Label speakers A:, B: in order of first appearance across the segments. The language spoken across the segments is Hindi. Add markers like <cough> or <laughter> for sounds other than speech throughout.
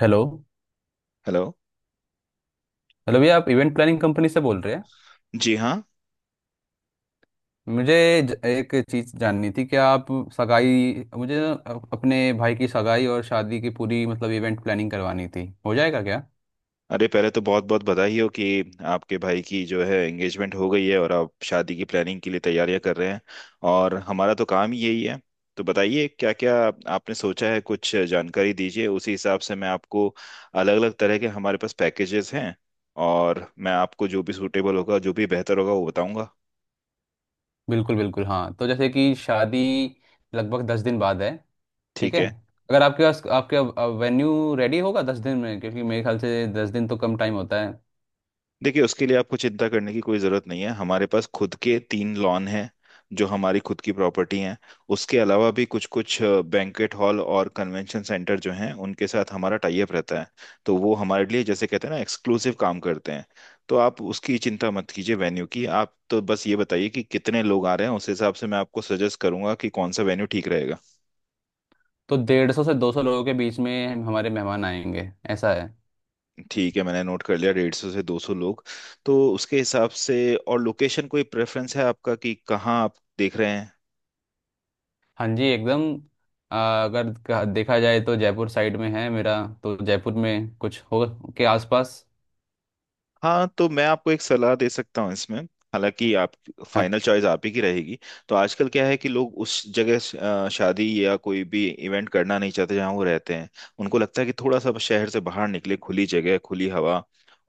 A: हेलो।
B: हेलो।
A: हेलो भैया, आप इवेंट प्लानिंग कंपनी से बोल रहे हैं?
B: जी हाँ।
A: मुझे एक चीज़ जाननी थी कि आप सगाई, मुझे ना अपने भाई की सगाई और शादी की पूरी मतलब इवेंट प्लानिंग करवानी थी, हो जाएगा क्या?
B: अरे पहले तो बहुत बहुत बधाई हो कि आपके भाई की जो है एंगेजमेंट हो गई है और आप शादी की प्लानिंग के लिए तैयारियां कर रहे हैं। और हमारा तो काम ही यही है। तो बताइए क्या क्या आपने सोचा है, कुछ जानकारी दीजिए उसी हिसाब से मैं आपको अलग अलग तरह के हमारे पास पैकेजेस हैं और मैं आपको जो भी सूटेबल होगा जो भी बेहतर होगा वो बताऊंगा।
A: बिल्कुल बिल्कुल, हाँ। तो जैसे कि शादी लगभग 10 दिन बाद है। ठीक
B: ठीक
A: है।
B: है।
A: अगर आपके वेन्यू रेडी होगा 10 दिन में, क्योंकि मेरे ख्याल से 10 दिन तो कम टाइम होता है।
B: देखिए उसके लिए आपको चिंता करने की कोई ज़रूरत नहीं है, हमारे पास खुद के तीन लॉन हैं जो हमारी खुद की प्रॉपर्टी हैं। उसके अलावा भी कुछ कुछ बैंक्वेट हॉल और कन्वेंशन सेंटर जो हैं उनके साथ हमारा टाई अप रहता है। तो वो हमारे लिए जैसे कहते हैं ना एक्सक्लूसिव काम करते हैं। तो आप उसकी चिंता मत कीजिए वेन्यू की, आप तो बस ये बताइए कि कितने लोग आ रहे हैं उस हिसाब से मैं आपको सजेस्ट करूंगा कि कौन सा वेन्यू ठीक रहेगा।
A: तो 150 से 200 लोगों के बीच में हमारे मेहमान आएंगे, ऐसा है।
B: ठीक है मैंने नोट कर लिया, 150 से 200 लोग। तो उसके हिसाब से। और लोकेशन कोई प्रेफरेंस है आपका कि कहाँ आप देख रहे हैं?
A: हाँ जी, एकदम। अगर देखा जाए तो जयपुर साइड में है मेरा, तो जयपुर में कुछ हो के आसपास।
B: हाँ तो मैं आपको एक सलाह दे सकता हूँ इसमें, हालांकि आप
A: हाँ,
B: फाइनल चॉइस आप ही की रहेगी। तो आजकल क्या है कि लोग उस जगह शादी या कोई भी इवेंट करना नहीं चाहते जहाँ वो रहते हैं। उनको लगता है कि थोड़ा सा शहर से बाहर निकले, खुली जगह खुली हवा,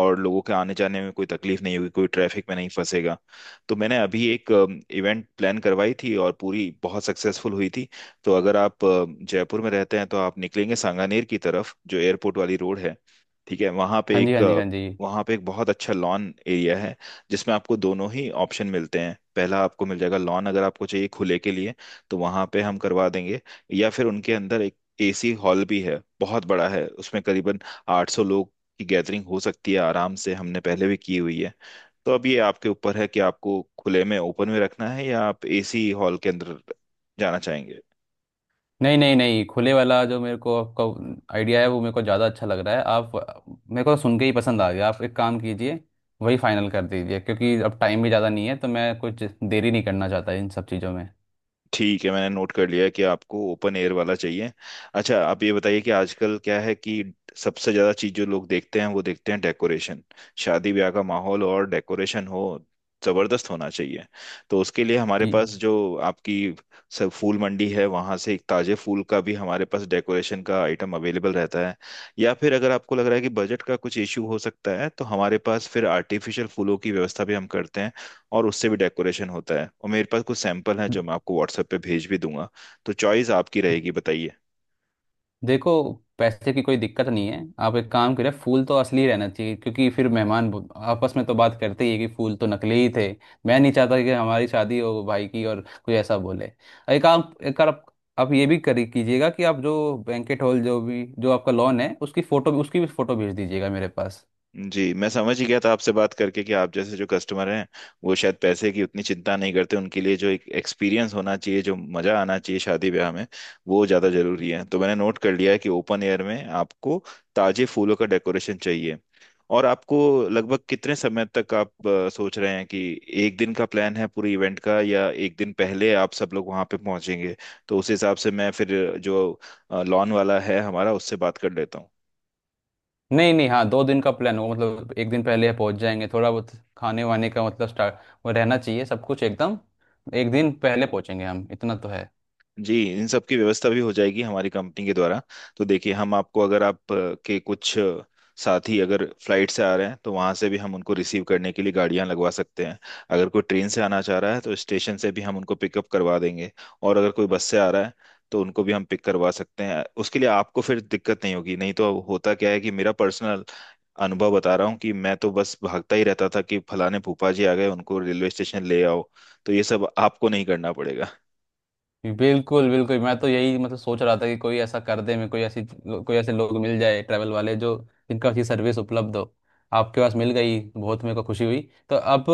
B: और लोगों के आने जाने में कोई तकलीफ नहीं होगी, कोई ट्रैफिक में नहीं फंसेगा। तो मैंने अभी एक इवेंट प्लान करवाई थी और पूरी बहुत सक्सेसफुल हुई थी। तो अगर आप जयपुर में रहते हैं तो आप निकलेंगे सांगानेर की तरफ जो एयरपोर्ट वाली रोड है। ठीक है, वहां
A: हाँ
B: पे
A: जी,
B: एक
A: हाँ जी, हाँ जी।
B: वहाँ पे एक बहुत अच्छा लॉन एरिया है जिसमें आपको दोनों ही ऑप्शन मिलते हैं। पहला आपको मिल जाएगा लॉन, अगर आपको चाहिए खुले के लिए तो वहाँ पे हम करवा देंगे। या फिर उनके अंदर एक एसी हॉल भी है, बहुत बड़ा है, उसमें करीबन 800 लोग की गैदरिंग हो सकती है आराम से, हमने पहले भी की हुई है। तो अब ये आपके ऊपर है कि आपको खुले में ओपन में रखना है या आप एसी हॉल के अंदर जाना चाहेंगे।
A: नहीं नहीं नहीं, खुले वाला जो मेरे को आपका आइडिया है वो मेरे को ज़्यादा अच्छा लग रहा है। आप मेरे को सुन के ही पसंद आ गया। आप एक काम कीजिए, वही फाइनल कर दीजिए, क्योंकि अब टाइम भी ज़्यादा नहीं है, तो मैं कुछ देरी नहीं करना चाहता इन सब चीज़ों में।
B: ठीक है मैंने नोट कर लिया है कि आपको ओपन एयर वाला चाहिए। अच्छा आप ये बताइए कि आजकल क्या है कि सबसे ज्यादा चीज जो लोग देखते हैं वो देखते हैं डेकोरेशन। शादी ब्याह का माहौल और डेकोरेशन हो जबरदस्त होना चाहिए। तो उसके लिए हमारे पास जो आपकी सब फूल मंडी है वहां से एक ताजे फूल का भी हमारे पास डेकोरेशन का आइटम अवेलेबल रहता है। या फिर अगर आपको लग रहा है कि बजट का कुछ इश्यू हो सकता है तो हमारे पास फिर आर्टिफिशियल फूलों की व्यवस्था भी हम करते हैं और उससे भी डेकोरेशन होता है। और मेरे पास कुछ सैंपल हैं जो मैं आपको व्हाट्सएप पे भेज भी दूंगा। तो चॉइस आपकी
A: जी।
B: रहेगी, बताइए।
A: देखो, पैसे की कोई दिक्कत नहीं है। आप एक काम करें, फूल तो असली रहना चाहिए, क्योंकि फिर मेहमान आपस में तो बात करते ही है कि फूल तो नकली ही थे। मैं नहीं चाहता कि हमारी शादी हो भाई की और कोई ऐसा बोले। एक आप एक बार आप ये भी करी कीजिएगा कि आप जो बैंकेट हॉल, जो भी, जो आपका लॉन है, उसकी भी फोटो भेज दीजिएगा मेरे पास।
B: जी मैं समझ ही गया था आपसे बात करके कि आप जैसे जो कस्टमर हैं वो शायद पैसे की उतनी चिंता नहीं करते, उनके लिए जो एक एक्सपीरियंस होना चाहिए जो मजा आना चाहिए शादी ब्याह में वो ज्यादा जरूरी है। तो मैंने नोट कर लिया है कि ओपन एयर में आपको ताजे फूलों का डेकोरेशन चाहिए। और आपको लगभग कितने समय तक आप सोच रहे हैं कि एक दिन का प्लान है पूरे इवेंट का, या एक दिन पहले आप सब लोग वहां पे पहुंचेंगे? तो उस हिसाब से मैं फिर जो लॉन वाला है हमारा उससे बात कर लेता हूँ।
A: नहीं नहीं, हाँ, 2 दिन का प्लान होगा, मतलब एक दिन पहले पहुंच जाएंगे, थोड़ा बहुत खाने वाने का मतलब स्टार्ट, वो रहना चाहिए सब कुछ एकदम। एक दिन पहले पहुंचेंगे हम, इतना तो है।
B: जी, इन सब की व्यवस्था भी हो जाएगी हमारी कंपनी के द्वारा। तो देखिए, हम आपको अगर आप के कुछ साथी अगर फ्लाइट से आ रहे हैं तो वहां से भी हम उनको रिसीव करने के लिए गाड़ियां लगवा सकते हैं। अगर कोई ट्रेन से आना चाह रहा है तो स्टेशन से भी हम उनको पिकअप करवा देंगे, और अगर कोई बस से आ रहा है तो उनको भी हम पिक करवा सकते हैं। उसके लिए आपको फिर दिक्कत नहीं होगी। नहीं तो होता क्या है कि मेरा पर्सनल अनुभव बता रहा हूँ कि मैं तो बस भागता ही रहता था कि फलाने फूफा जी आ गए उनको रेलवे स्टेशन ले आओ। तो ये सब आपको नहीं करना पड़ेगा।
A: बिल्कुल बिल्कुल, मैं तो यही मतलब सोच रहा था कि कोई ऐसा कर दे, मैं कोई ऐसी कोई ऐसे लोग मिल जाए ट्रैवल वाले, जो जिनका अच्छी सर्विस उपलब्ध हो, आपके पास मिल गई, बहुत मेरे को खुशी हुई। तो अब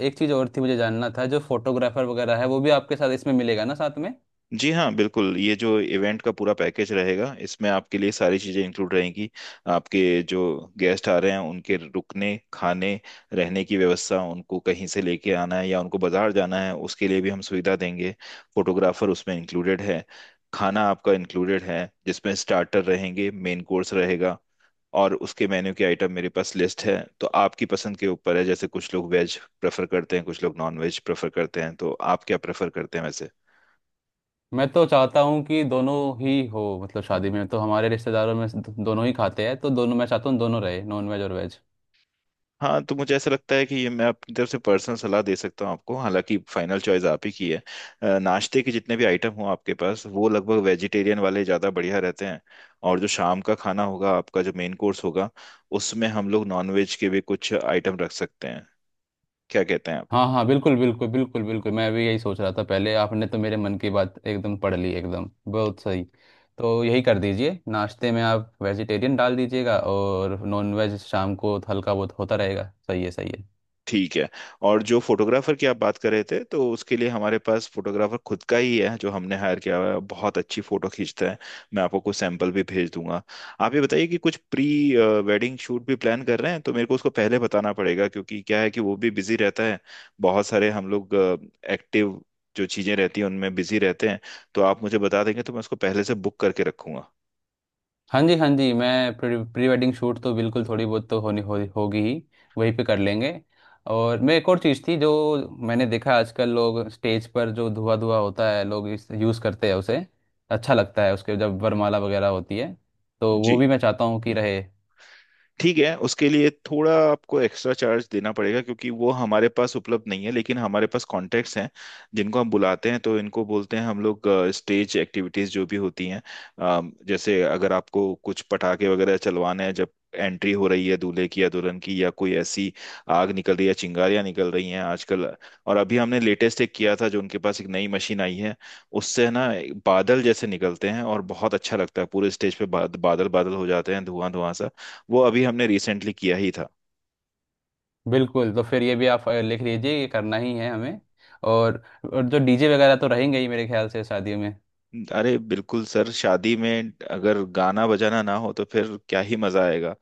A: एक चीज़ और थी, मुझे जानना था, जो फोटोग्राफर वगैरह है वो भी आपके साथ इसमें मिलेगा ना साथ में?
B: जी हाँ बिल्कुल, ये जो इवेंट का पूरा पैकेज रहेगा इसमें आपके लिए सारी चीज़ें इंक्लूड रहेंगी। आपके जो गेस्ट आ रहे हैं उनके रुकने खाने रहने की व्यवस्था, उनको कहीं से लेके आना है या उनको बाजार जाना है उसके लिए भी हम सुविधा देंगे। फोटोग्राफर उसमें इंक्लूडेड है। खाना आपका इंक्लूडेड है जिसमें स्टार्टर रहेंगे, मेन कोर्स रहेगा। और उसके मेन्यू के आइटम मेरे पास लिस्ट है तो आपकी पसंद के ऊपर है, जैसे कुछ लोग वेज प्रेफर करते हैं कुछ लोग नॉन वेज प्रेफर करते हैं, तो आप क्या प्रेफर करते हैं?
A: मैं तो चाहता हूँ कि दोनों ही हो, मतलब शादी में तो हमारे रिश्तेदारों में से दोनों ही खाते हैं, तो दोनों मैं चाहता हूँ दोनों रहे, नॉन वेज और वेज।
B: हाँ तो मुझे ऐसा लगता है कि ये मैं अपनी तरफ से पर्सनल सलाह दे सकता हूँ आपको, हालांकि फाइनल चॉइस आप ही की है। नाश्ते के जितने भी आइटम हो आपके पास वो लगभग वेजिटेरियन वाले ज़्यादा बढ़िया रहते हैं। और जो शाम का खाना होगा आपका जो मेन कोर्स होगा उसमें हम लोग नॉनवेज के भी कुछ आइटम रख सकते हैं। क्या कहते हैं आप?
A: हाँ हाँ, बिल्कुल बिल्कुल बिल्कुल बिल्कुल, मैं भी यही सोच रहा था पहले, आपने तो मेरे मन की बात एकदम पढ़ ली, एकदम बहुत सही। तो यही कर दीजिए, नाश्ते में आप वेजिटेरियन डाल दीजिएगा और नॉन वेज शाम को हल्का बहुत होता रहेगा, सही है सही है।
B: ठीक है। और जो फोटोग्राफर की आप बात कर रहे थे तो उसके लिए हमारे पास फोटोग्राफर खुद का ही है जो हमने हायर किया हुआ है, बहुत अच्छी फोटो खींचता है। मैं आपको कुछ सैंपल भी भेज दूंगा। आप ये बताइए कि कुछ प्री वेडिंग शूट भी प्लान कर रहे हैं? तो मेरे को उसको पहले बताना पड़ेगा क्योंकि क्या है कि वो भी बिजी रहता है। बहुत सारे हम लोग एक्टिव जो चीजें रहती हैं उनमें बिजी रहते हैं। तो आप मुझे बता देंगे तो मैं उसको पहले से बुक करके रखूंगा।
A: हाँ जी, हाँ जी, मैं प्री वेडिंग शूट तो बिल्कुल, थोड़ी बहुत तो होगी ही, वहीं पे कर लेंगे। और मैं, एक और चीज़ थी जो मैंने देखा आजकल लोग स्टेज पर जो धुआं धुआं होता है, लोग इस यूज़ करते हैं उसे, अच्छा लगता है उसके, जब वरमाला वगैरह होती है तो वो
B: जी
A: भी मैं चाहता हूँ कि रहे।
B: ठीक है, उसके लिए थोड़ा आपको एक्स्ट्रा चार्ज देना पड़ेगा क्योंकि वो हमारे पास उपलब्ध नहीं है, लेकिन हमारे पास कॉन्टैक्ट्स हैं जिनको हम बुलाते हैं। तो इनको बोलते हैं हम लोग स्टेज एक्टिविटीज, जो भी होती हैं। जैसे अगर आपको कुछ पटाखे वगैरह चलवाने हैं जब एंट्री हो रही है दूल्हे की या दुल्हन की, या कोई ऐसी आग निकल रही है, चिंगारियां निकल रही हैं आजकल। और अभी हमने लेटेस्ट एक किया था, जो उनके पास एक नई मशीन आई है उससे ना बादल जैसे निकलते हैं और बहुत अच्छा लगता है, पूरे स्टेज पे बादल बादल हो जाते हैं, धुआं धुआं सा। वो अभी हमने रिसेंटली किया ही था।
A: बिल्कुल, तो फिर ये भी आप लिख लीजिए, ये करना ही है हमें। और, और जो डीजे वगैरह तो रहेंगे ही मेरे ख्याल से शादियों में।
B: अरे बिल्कुल सर, शादी में अगर गाना बजाना ना हो तो फिर क्या ही मजा आएगा।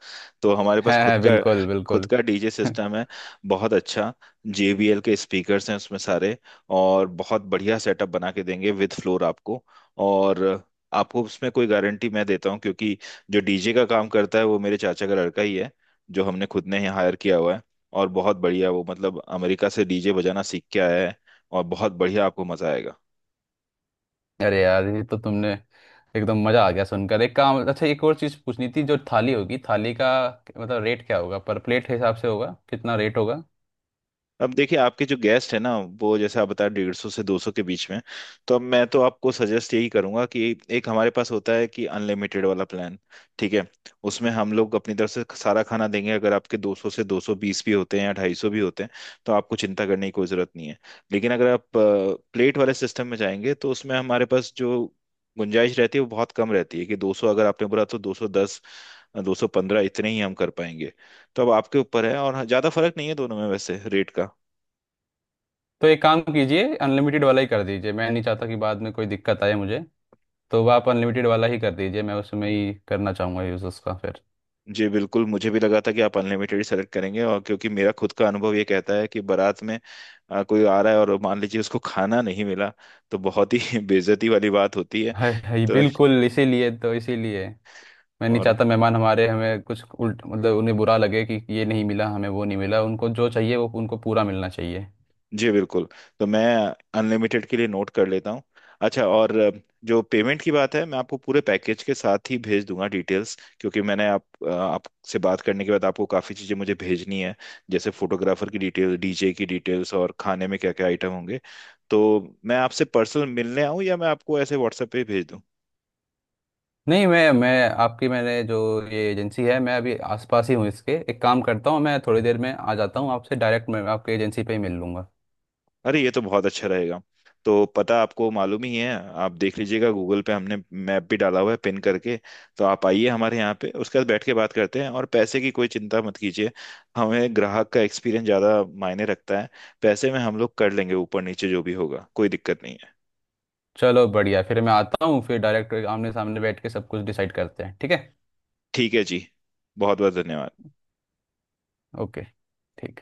B: तो हमारे
A: <laughs>
B: पास
A: है, बिल्कुल
B: खुद
A: बिल्कुल।
B: का डीजे
A: <laughs>
B: सिस्टम है। बहुत अच्छा। JBL के स्पीकर्स हैं उसमें सारे, और बहुत बढ़िया सेटअप बना के देंगे विद फ्लोर आपको। और आपको उसमें कोई गारंटी मैं देता हूँ क्योंकि जो डीजे का काम करता है वो मेरे चाचा का लड़का ही है, जो हमने खुद ने ही हायर किया हुआ है। और बहुत बढ़िया वो मतलब अमेरिका से डीजे बजाना सीख के आया है। और बहुत बढ़िया, आपको मजा आएगा।
A: अरे यार, ये तो तुमने एकदम मजा आ गया सुनकर। एक काम, अच्छा, एक और चीज पूछनी थी, जो थाली होगी, थाली का मतलब, रेट क्या होगा? पर प्लेट हिसाब से होगा, कितना रेट होगा?
B: अब देखिए आपके जो गेस्ट है ना, वो जैसे आप बता 150 से दो सौ के बीच में, तो अब मैं तो आपको सजेस्ट यही करूंगा कि एक हमारे पास होता है कि अनलिमिटेड वाला प्लान। ठीक है। उसमें हम लोग अपनी तरफ से सारा खाना देंगे, अगर आपके 200 से 220 भी होते हैं या 250 भी होते हैं तो आपको चिंता करने की कोई जरूरत नहीं है। लेकिन अगर आप प्लेट वाले सिस्टम में जाएंगे तो उसमें हमारे पास जो गुंजाइश रहती है वो बहुत कम रहती है, कि 200 अगर आपने बोला तो 210, 215 इतने ही हम कर पाएंगे। तो अब आपके ऊपर है। और हाँ, ज़्यादा फर्क नहीं है दोनों में वैसे रेट का।
A: तो एक काम कीजिए, अनलिमिटेड वाला ही कर दीजिए, मैं नहीं चाहता कि बाद में कोई दिक्कत आए मुझे, तो आप अनलिमिटेड वाला ही कर दीजिए, मैं उसमें ही करना चाहूंगा, यूज उसका फिर।
B: जी बिल्कुल, मुझे भी लगा था कि आप अनलिमिटेड सेलेक्ट करेंगे। और क्योंकि मेरा खुद का अनुभव ये कहता है कि बारात में कोई आ रहा है और मान लीजिए उसको खाना नहीं मिला तो बहुत ही <laughs> बेइज्जती वाली बात होती है।
A: है,
B: तो।
A: बिल्कुल, इसीलिए तो, इसीलिए मैं नहीं
B: और
A: चाहता मेहमान हमारे, हमें कुछ उल्ट मतलब उन्हें बुरा लगे कि ये नहीं मिला हमें, वो नहीं मिला, उनको जो चाहिए वो उनको पूरा मिलना चाहिए।
B: जी बिल्कुल। तो मैं अनलिमिटेड के लिए नोट कर लेता हूँ। अच्छा और जो पेमेंट की बात है मैं आपको पूरे पैकेज के साथ ही भेज दूंगा डिटेल्स, क्योंकि मैंने आपसे बात करने के बाद आपको काफ़ी चीज़ें मुझे भेजनी है। जैसे फोटोग्राफर की डिटेल, डीजे की डिटेल्स और खाने में क्या क्या आइटम होंगे। तो मैं आपसे पर्सनल मिलने आऊँ या मैं आपको ऐसे व्हाट्सएप पे ही भेज दूँ?
A: नहीं, मैं आपकी मैंने जो ये एजेंसी है, मैं अभी आसपास ही हूँ इसके, एक काम करता हूँ मैं, थोड़ी देर में आ जाता हूँ आपसे, डायरेक्ट मैं आपके एजेंसी पे ही मिल लूँगा।
B: अरे ये तो बहुत अच्छा रहेगा। तो पता आपको मालूम ही है, आप देख लीजिएगा गूगल पे हमने मैप भी डाला हुआ है पिन करके। तो आप आइए हमारे यहाँ पे, उसके बाद बैठ के बात करते हैं, और पैसे की कोई चिंता मत कीजिए। हमें ग्राहक का एक्सपीरियंस ज़्यादा मायने रखता है। पैसे में हम लोग कर लेंगे, ऊपर नीचे जो भी होगा कोई दिक्कत नहीं है।
A: चलो बढ़िया, फिर मैं आता हूँ, फिर डायरेक्ट आमने सामने बैठ के सब कुछ डिसाइड करते हैं, ठीक है।
B: ठीक है जी। बहुत बहुत धन्यवाद।
A: ओके, ठीक है।